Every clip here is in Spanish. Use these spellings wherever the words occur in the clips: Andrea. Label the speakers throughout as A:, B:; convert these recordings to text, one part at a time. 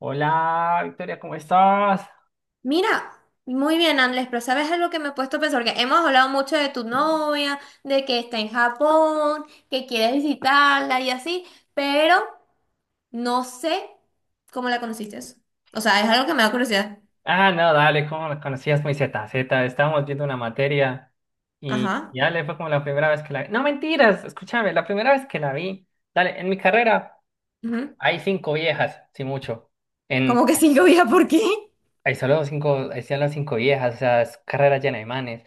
A: Hola, Victoria, ¿cómo estás?
B: Mira, muy bien, Andrés, pero ¿sabes algo que me he puesto a pensar? Porque hemos hablado mucho de tu novia, de que está en Japón, que quieres visitarla y así, pero no sé cómo la conociste. O sea, es algo que me da curiosidad.
A: Ah, no, dale, ¿cómo me conocías muy ZZ? Estábamos viendo una materia y
B: Ajá.
A: y dale, fue como la primera vez que la vi. No, mentiras, escúchame, la primera vez que la vi. Dale, en mi carrera
B: Ujú.
A: hay cinco viejas, sí mucho.
B: Como
A: En,
B: que cinco días, ¿por qué?
A: hay solo cinco viejas, o sea, es carrera llena de manes.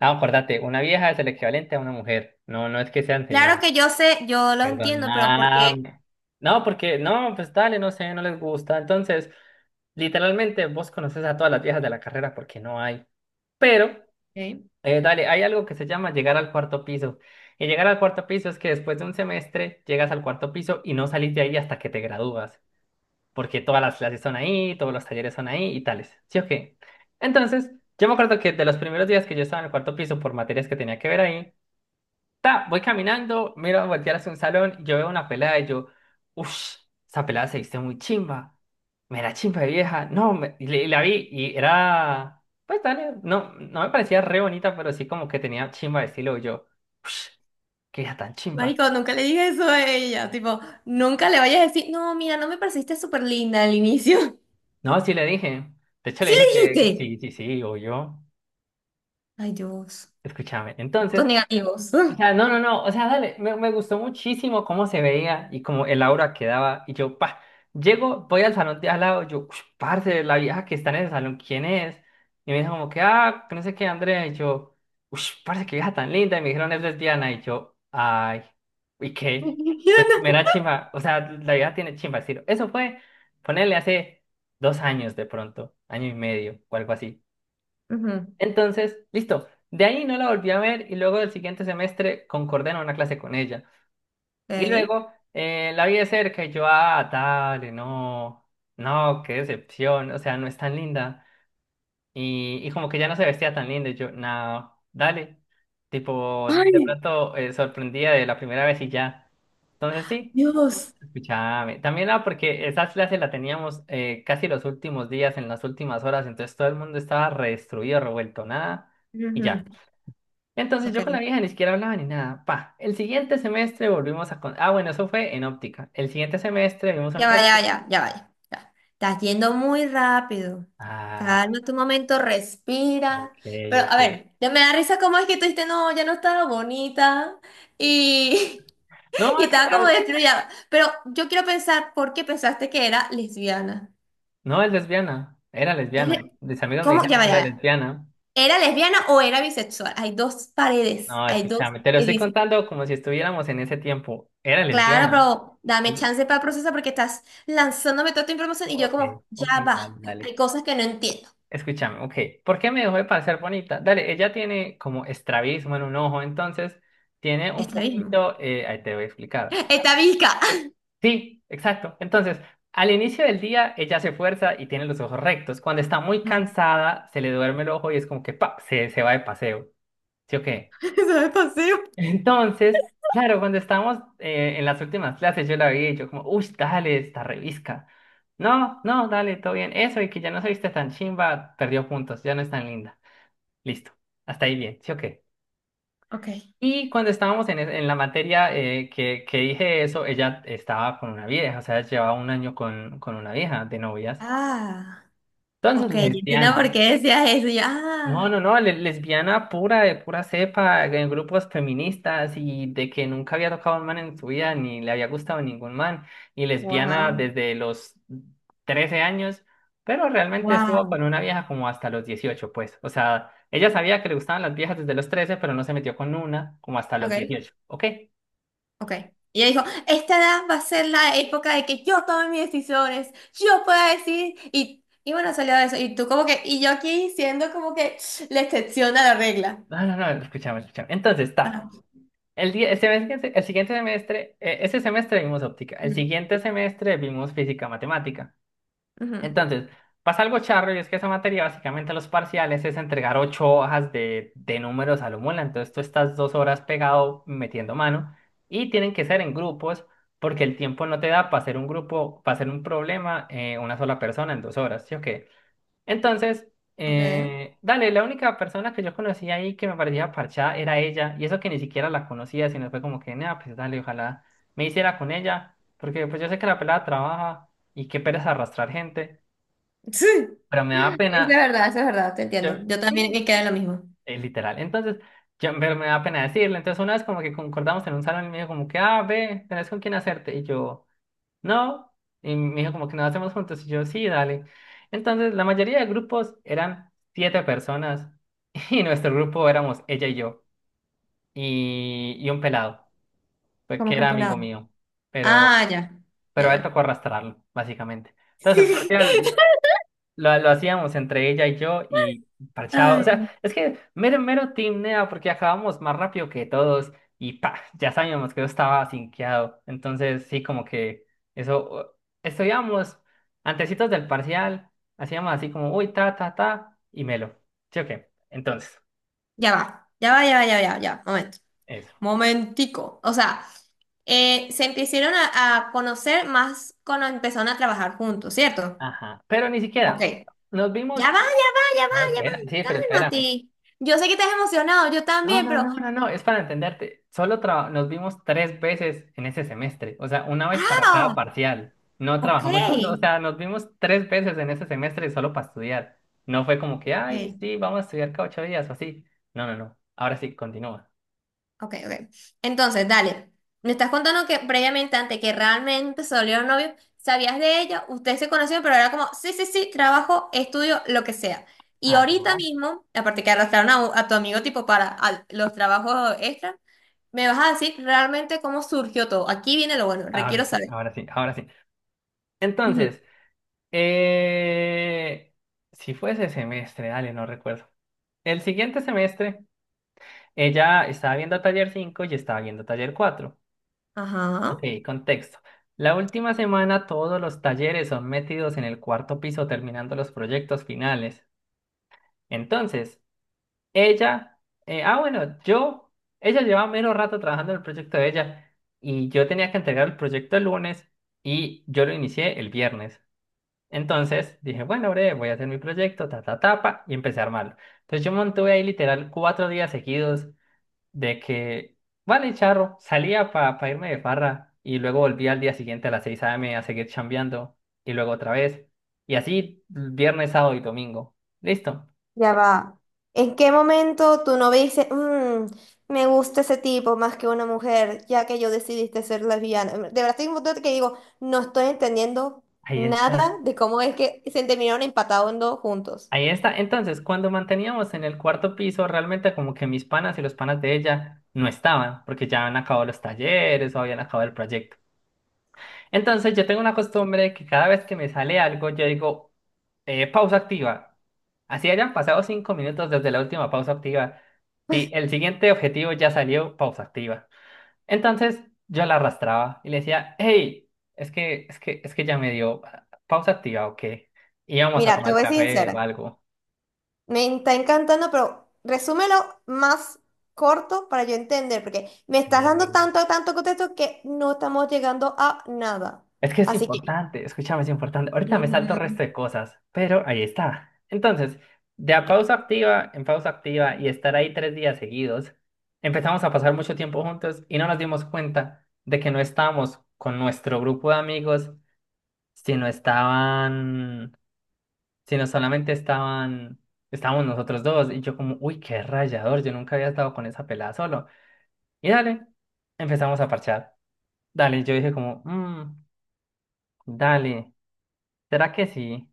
A: Ah, acordate, una vieja es el equivalente a una mujer. No, no es que sean
B: Claro
A: señoras,
B: que yo sé, yo lo
A: perdón.
B: entiendo, pero ¿por
A: Ah,
B: qué?
A: no, porque, no, pues dale, no sé, no les gusta. Entonces. Literalmente vos conoces a todas las viejas de la carrera porque no hay. Pero,
B: Ok.
A: dale, hay algo que se llama llegar al cuarto piso. Y llegar al cuarto piso es que después de un semestre llegas al cuarto piso y no salís de ahí hasta que te gradúas. Porque todas las clases son ahí, todos los talleres son ahí y tales. ¿Sí o qué? Entonces, yo me acuerdo que de los primeros días que yo estaba en el cuarto piso por materias que tenía que ver ahí, ta, voy caminando, miro a voltear hacia un salón, yo veo una pelada y yo, uff, esa pelada se viste muy chimba. Me la chimba de vieja. No, y, y la vi y era, pues dale, no, no me parecía re bonita, pero sí como que tenía chimba de estilo. Y yo, uff, qué hija tan chimba.
B: Marico, nunca le dije eso a ella. Tipo, nunca le vayas a decir, no, mira, no me pareciste súper linda al inicio.
A: No, sí le dije. De hecho le
B: ¿Sí
A: dije
B: le
A: que
B: dijiste?
A: sí, sí, sí, o yo.
B: Ay, Dios.
A: Escúchame.
B: Puntos
A: Entonces,
B: negativos.
A: o sea, no, no, no, o sea, dale, me gustó muchísimo cómo se veía y cómo el aura que daba. Y yo, pa, llego, voy al salón de al lado, yo, ush, parce, la vieja que está en el salón, ¿quién es? Y me dijo como que, ah, que no sé qué, Andrea. Y yo, uff, parce, qué vieja tan linda. Y me dijeron, es lesbiana. Y yo, ay, ¿y qué? Pues me da chimba, o sea, la vieja tiene chimba, estilo. Eso fue, ponerle hace 2 años de pronto, año y medio o algo así.
B: Ujú.
A: Entonces, listo. De ahí no la volví a ver y luego del siguiente semestre concordé en una clase con ella. Y
B: Ok.
A: luego la vi de cerca y yo, ah, dale, no, no, qué decepción, o sea, no es tan linda. Y como que ya no se vestía tan linda y yo, no, dale. Tipo, de
B: Ay,
A: pronto sorprendía de la primera vez y ya. Entonces sí,
B: Dios.
A: escúchame. También porque esa clase la teníamos casi los últimos días, en las últimas horas, entonces todo el mundo estaba re destruido, revuelto, nada. Y
B: Ujú.
A: ya. Entonces
B: Ok.
A: yo con la vieja ni siquiera hablaba ni nada. Pa, el siguiente semestre volvimos a... Ah, bueno, eso fue en óptica. El siguiente semestre vimos a un
B: Ya va, ya
A: clásico.
B: va, ya, ya va. Ya. Ya. Estás yendo muy rápido.
A: Ah,
B: Calma tu momento,
A: ok,
B: respira. Pero,
A: ok.
B: a ver, ya me da risa cómo es que tú dijiste, no, ya no estaba bonita. Y,
A: No,
B: y
A: es que
B: estaba como destruida. Pero yo quiero pensar por qué pensaste que era lesbiana.
A: no es lesbiana. Era lesbiana.
B: ¿Eh?
A: Mis amigos me
B: ¿Cómo? Ya
A: dijeron
B: va,
A: que
B: ya
A: era
B: va.
A: lesbiana.
B: ¿Era lesbiana o era bisexual? Hay dos paredes,
A: No,
B: hay dos
A: escúchame, te lo estoy
B: edificios.
A: contando como si estuviéramos en ese tiempo. Era
B: Claro,
A: lesbiana.
B: pero dame
A: Oye,
B: chance para procesar porque estás lanzándome toda esta información y yo
A: ok,
B: como, ya
A: ok, dale,
B: va,
A: dale.
B: hay cosas que no entiendo.
A: Escúchame, ok. ¿Por qué me dejó de parecer bonita? Dale, ella tiene como estrabismo en un ojo, entonces tiene un
B: Estrabismo.
A: poquito, ahí te voy a explicar.
B: Estavisca.
A: Sí, exacto. Entonces, al inicio del día ella se fuerza y tiene los ojos rectos. Cuando está muy
B: Ajá.
A: cansada, se le duerme el ojo y es como que pa, se va de paseo. ¿Sí o qué?
B: Eso es pasivo.
A: Entonces, claro, cuando estábamos en las últimas clases, yo la vi y yo como, uy, dale, esta revisca. No, no, dale, todo bien. Eso y que ya no se viste tan chimba, perdió puntos, ya no es tan linda. Listo. Hasta ahí bien, ¿sí o qué?
B: Ok.
A: Y cuando estábamos en la materia que dije eso, ella estaba con una vieja, o sea, llevaba un año con una vieja de novias.
B: Ah,
A: Entonces,
B: ok, entiendo
A: lesbiana.
B: por qué decías eso. Yo,
A: No,
B: ah,
A: no, no, lesbiana pura, de pura cepa, en grupos feministas y de que nunca había tocado a un man en su vida, ni le había gustado ningún man. Y lesbiana
B: wow,
A: desde los 13 años, pero realmente estuvo
B: wow.
A: con una vieja como hasta los 18 pues. O sea, ella sabía que le gustaban las viejas desde los 13 pero no se metió con una como hasta los
B: Ok,
A: 18, ¿ok?
B: ok. Y ella dijo, esta edad va a ser la época de que yo tome mis decisiones, yo pueda decir, y bueno, salió de eso. Y tú como que, y yo aquí siendo como que la excepción a la regla.
A: No, no, no, escúchame, escúchame. Entonces está.
B: Ajá.
A: El día, el semestre, el siguiente semestre, ese semestre vimos óptica, el siguiente semestre vimos física matemática.
B: Ujú.
A: Entonces, pasa algo charro y es que esa materia básicamente los parciales es entregar ocho hojas de números a lo mola. Entonces tú estás 2 horas pegado metiendo mano y tienen que ser en grupos porque el tiempo no te da para hacer un grupo, para hacer un problema una sola persona en 2 horas, ¿sí o qué? Entonces,
B: Ok.
A: dale, la única persona que yo conocía ahí que me parecía parchada era ella, y eso que ni siquiera la conocía, sino fue como que, nada, pues dale, ojalá me hiciera con ella, porque pues yo sé que la pelada trabaja y qué pereza arrastrar gente,
B: Sí,
A: pero me da
B: es la
A: pena,
B: verdad, eso es verdad, te
A: yo,
B: entiendo. Yo también
A: sí,
B: me quedé en lo mismo.
A: literal, entonces, yo, pero me da pena decirle, entonces una vez como que concordamos en un salón y me dijo como que, ah, ve, tenés con quién hacerte, y yo... No. Y me dijo como que nos hacemos juntos. Y yo, sí, dale. Entonces, la mayoría de grupos eran siete personas y nuestro grupo éramos ella y yo y un pelado, pues,
B: Como
A: que
B: que un
A: era amigo
B: pelado.
A: mío, pero,
B: Ah, ya. Ya,
A: pero a él
B: ya.
A: tocó arrastrarlo, básicamente. Entonces, el parcial lo hacíamos entre ella y yo y parchado. O sea,
B: Ay.
A: es que mero, mero team Nea, porque acabamos más rápido que todos y pa, ya sabíamos que yo estaba sinqueado. Entonces, sí, como que eso, estudiábamos antecitos del parcial, hacíamos así como, uy, ta, ta, ta, y melo. ¿Sí o qué? Entonces,
B: Ya va, ya va, ya va, ya va, ya, va, ya. Momento.
A: eso.
B: Momentico. O sea, se empezaron a conocer más cuando empezaron a trabajar juntos, ¿cierto?
A: Ajá. Pero ni
B: Ok.
A: siquiera
B: Ya
A: nos vimos.
B: va, ya va, ya va,
A: No,
B: ya va,
A: espera, sí, pero espérame.
B: Mati. Yo sé que estás emocionado, yo
A: No,
B: también,
A: no,
B: pero.
A: no, no, no, es para entenderte. Solo nos vimos tres veces en ese semestre, o sea, una vez para cada
B: ¡Ah!
A: parcial. No
B: Ok.
A: trabajamos juntos, o sea, nos vimos tres veces en ese semestre solo para estudiar. No fue como que, ay,
B: Ok.
A: sí, vamos a estudiar cada 8 días o así. No, no, no. Ahora sí, continúa.
B: Ok, ok. Entonces, dale. Me estás contando que previamente, antes que realmente se volvieron novios, sabías de ella, ustedes se conocieron, pero era como, sí, sí, sí, trabajo, estudio, lo que sea. Y ahorita
A: Ah,
B: mismo, aparte que arrastraron a tu amigo tipo para los trabajos extra, me vas a decir realmente cómo surgió todo. Aquí viene lo bueno,
A: ahora
B: requiero
A: sí,
B: saber.
A: ahora sí, ahora sí.
B: Ujú.
A: Entonces, eh... si fue ese semestre, dale, no recuerdo. El siguiente semestre, ella estaba viendo taller 5 y estaba viendo taller 4. Ok,
B: Ajá.
A: contexto. La última semana todos los talleres son metidos en el cuarto piso terminando los proyectos finales. Entonces, ella, ah bueno, yo, ella llevaba menos rato trabajando en el proyecto de ella y yo tenía que entregar el proyecto el lunes y yo lo inicié el viernes. Entonces dije, bueno, breve, voy a hacer mi proyecto, ta, ta, tapa, y empecé a armarlo. Entonces yo montuve ahí literal 4 días seguidos de que, vale, charro, salía para irme de farra y luego volvía al día siguiente a las 6 a.m. a seguir chambeando y luego otra vez. Y así viernes, sábado y domingo. Listo,
B: Ya va. ¿En qué momento tu novia dice, "Mm, me gusta ese tipo más que una mujer, ya que yo decidiste ser lesbiana? De verdad, estoy en un punto que digo, no estoy entendiendo
A: ahí está.
B: nada de cómo es que se terminaron empatando juntos.
A: Ahí está. Entonces, cuando manteníamos en el cuarto piso, realmente como que mis panas y los panas de ella no estaban, porque ya habían acabado los talleres o habían acabado el proyecto. Entonces yo tengo una costumbre que cada vez que me sale algo, yo digo, pausa activa. Así hayan pasado 5 minutos desde la última pausa activa. Si el siguiente objetivo ya salió, pausa activa. Entonces yo la arrastraba y le decía, hey, es que ya me dio pausa activa o qué. Íbamos a
B: Mira, te
A: tomar
B: voy a ser
A: café o
B: sincera.
A: algo.
B: Me está encantando, pero resúmelo más corto para yo entender, porque me estás dando tanto, tanto contexto que no estamos llegando a nada.
A: Es que es
B: Así que...
A: importante, escúchame, es importante. Ahorita me salto el
B: Ujú.
A: resto de cosas, pero ahí está. Entonces, de a pausa activa en pausa activa y estar ahí 3 días seguidos, empezamos a pasar mucho tiempo juntos y no nos dimos cuenta de que no estábamos con nuestro grupo de amigos, sino estaban, sino solamente estaban, estábamos nosotros dos. Y yo como, uy, qué rayador, yo nunca había estado con esa pelada solo. Y dale, empezamos a parchar. Dale, yo dije como, "Mm, dale, ¿será que sí?".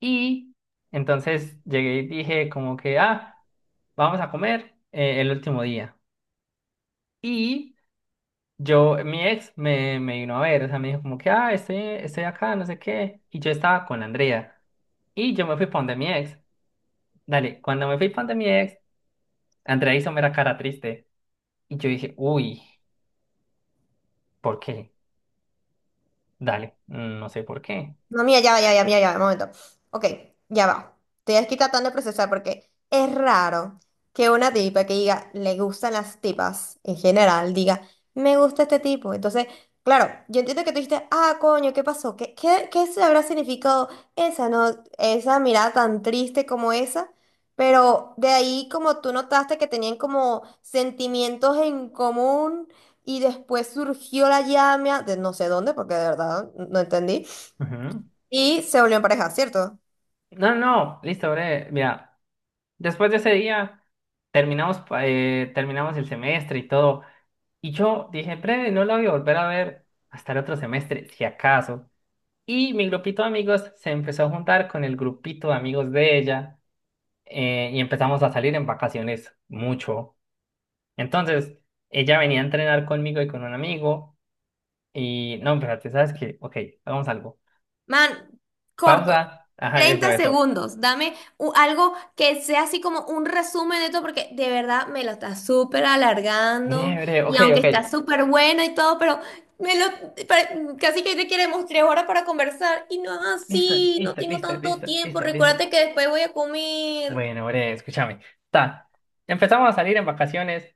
A: Y entonces llegué y dije como que, ah, vamos a comer el último día. Y yo, mi ex me vino a ver, o sea, me dijo como que, ah, estoy acá, no sé qué. Y yo estaba con Andrea. Y yo me fui para donde mi ex. Dale, cuando me fui para donde mi ex, Andrea hizo mera cara triste. Y yo dije, uy, ¿por qué? Dale, no sé por qué.
B: No, mira, ya va, ya va, ya va, ya va, un momento. Ok, ya va. Estoy aquí tratando de procesar porque es raro que una tipa que diga, le gustan las tipas en general, diga, me gusta este tipo. Entonces, claro, yo entiendo que tú dijiste, ah, coño, ¿qué pasó? ¿Qué se habrá significado esa, no, esa mirada tan triste como esa? Pero de ahí como tú notaste que tenían como sentimientos en común y después surgió la llama de no sé dónde, porque de verdad no entendí.
A: Ujú.
B: Y se volvieron pareja, ¿cierto?
A: No, no, listo, breve. Mira, después de ese día terminamos, terminamos el semestre y todo. Y yo dije, breve, no la voy a volver a ver hasta el otro semestre, si acaso. Y mi grupito de amigos se empezó a juntar con el grupito de amigos de ella y empezamos a salir en vacaciones mucho. Entonces, ella venía a entrenar conmigo y con un amigo. Y no, espérate, ¿sabes qué? Ok, hagamos algo.
B: Man, corto.
A: Pausa. Ajá, eso,
B: Treinta
A: eso.
B: segundos. Dame algo que sea así como un resumen de todo, porque de verdad me lo está súper alargando.
A: Breve, breve,
B: Y
A: ok,
B: aunque
A: ok.
B: está súper bueno y todo, pero me lo pare- casi que te queremos 3 horas para conversar. Y no es
A: Listo,
B: así, no
A: listo,
B: tengo
A: listo,
B: tanto
A: listo,
B: tiempo.
A: listo, listo.
B: Recuérdate que después voy a comer.
A: Bueno, breve, escúchame. Ta. Empezamos a salir en vacaciones.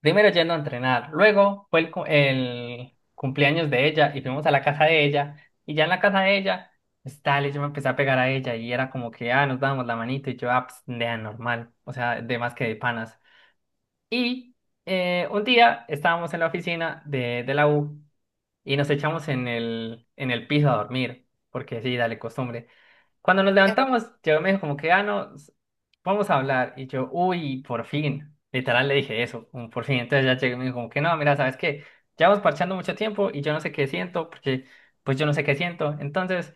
A: Primero yendo a entrenar, luego fue el cumpleaños de ella y fuimos a la casa de ella. Y ya en la casa de ella, pues dale, yo me empecé a pegar a ella y era como que, ah, nos dábamos la manito y yo, ah, pues, nea, normal, o sea, de más que de panas. Y un día estábamos en la oficina de la U y nos echamos en el piso a dormir, porque sí, dale, costumbre. Cuando nos
B: Voy
A: levantamos, yo me dijo como que, ah, no, vamos a hablar. Y yo, uy, por fin. Literal le dije eso, un por fin. Entonces ya llegué y me dijo como que, no, mira, ¿sabes qué? Llevamos parchando mucho tiempo y yo no sé qué siento, porque pues yo no sé qué siento. Entonces,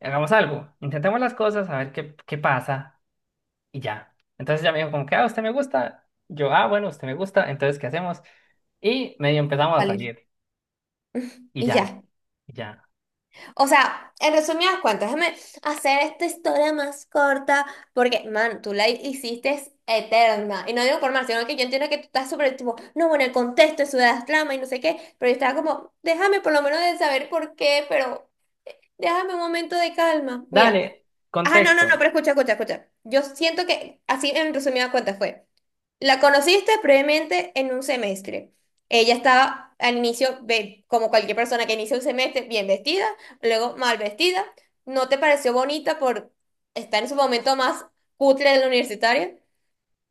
A: hagamos algo. Intentemos las cosas, a ver qué pasa y ya. Entonces ya me dijo como que, ah, usted me gusta. Yo, ah, bueno, usted me gusta. Entonces, ¿qué hacemos? Y medio empezamos
B: a
A: a
B: salir.
A: salir. Y
B: Y
A: ya.
B: ya.
A: Y ya.
B: O sea, en resumidas cuentas, déjame hacer esta historia más corta porque, man, tú la hiciste eterna. Y no digo por mal, sino que yo entiendo que tú estás súper tipo, no, bueno, el contexto de Ciudad Flama y no sé qué, pero yo estaba como, déjame por lo menos de saber por qué, pero déjame un momento de calma. Mira.
A: Dale,
B: Ah, no, no, no,
A: contexto.
B: pero escucha, escucha, escucha. Yo siento que así en resumidas cuentas fue. La conociste previamente en un semestre. Ella estaba al inicio, como cualquier persona que inicia un semestre, bien vestida, luego mal vestida. No te pareció bonita por estar en su momento más cutre de la universitaria.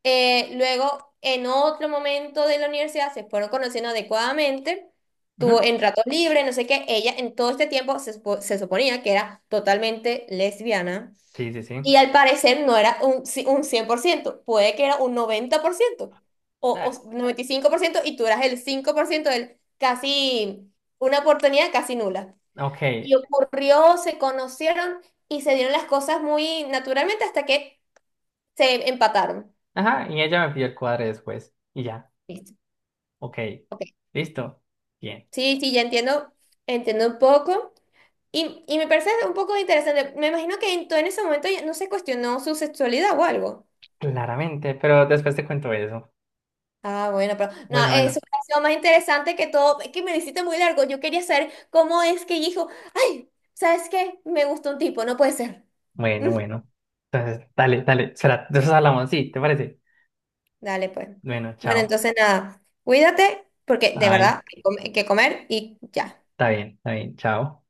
B: Luego, en otro momento de la universidad, se fueron conociendo adecuadamente. Tuvo
A: Ujú.
B: en ratos libres no sé qué. Ella en todo este tiempo se suponía que era totalmente lesbiana.
A: Sí, sí, sí.
B: Y al parecer no era un 100%, puede que era un 90% o,
A: Ah,
B: o 95% y tú eras el 5% del casi, una oportunidad casi nula.
A: ok.
B: Y ocurrió, se conocieron y se dieron las cosas muy naturalmente hasta que se empataron.
A: Ajá, y ella me pidió el cuadre después. Y ya,
B: Listo.
A: ok,
B: Ok.
A: listo, bien,
B: Sí, sí, ya entiendo, entiendo un poco. Y me parece un poco interesante. Me imagino que en, todo en ese momento ya no se cuestionó su sexualidad o algo.
A: claramente, pero después te cuento eso.
B: Ah, bueno, pero no,
A: Bueno,
B: eso
A: bueno,
B: me pareció más interesante que todo, es que me lo hiciste muy largo. Yo quería saber cómo es que dijo, ay, ¿sabes qué? Me gustó un tipo, no puede ser.
A: bueno, bueno. Entonces, dale, dale, será, de eso hablamos, sí, ¿te parece?
B: Dale, pues.
A: Bueno,
B: Bueno,
A: chao.
B: entonces nada, cuídate, porque de
A: Ay,
B: verdad hay que comer y ya.
A: está bien, chao.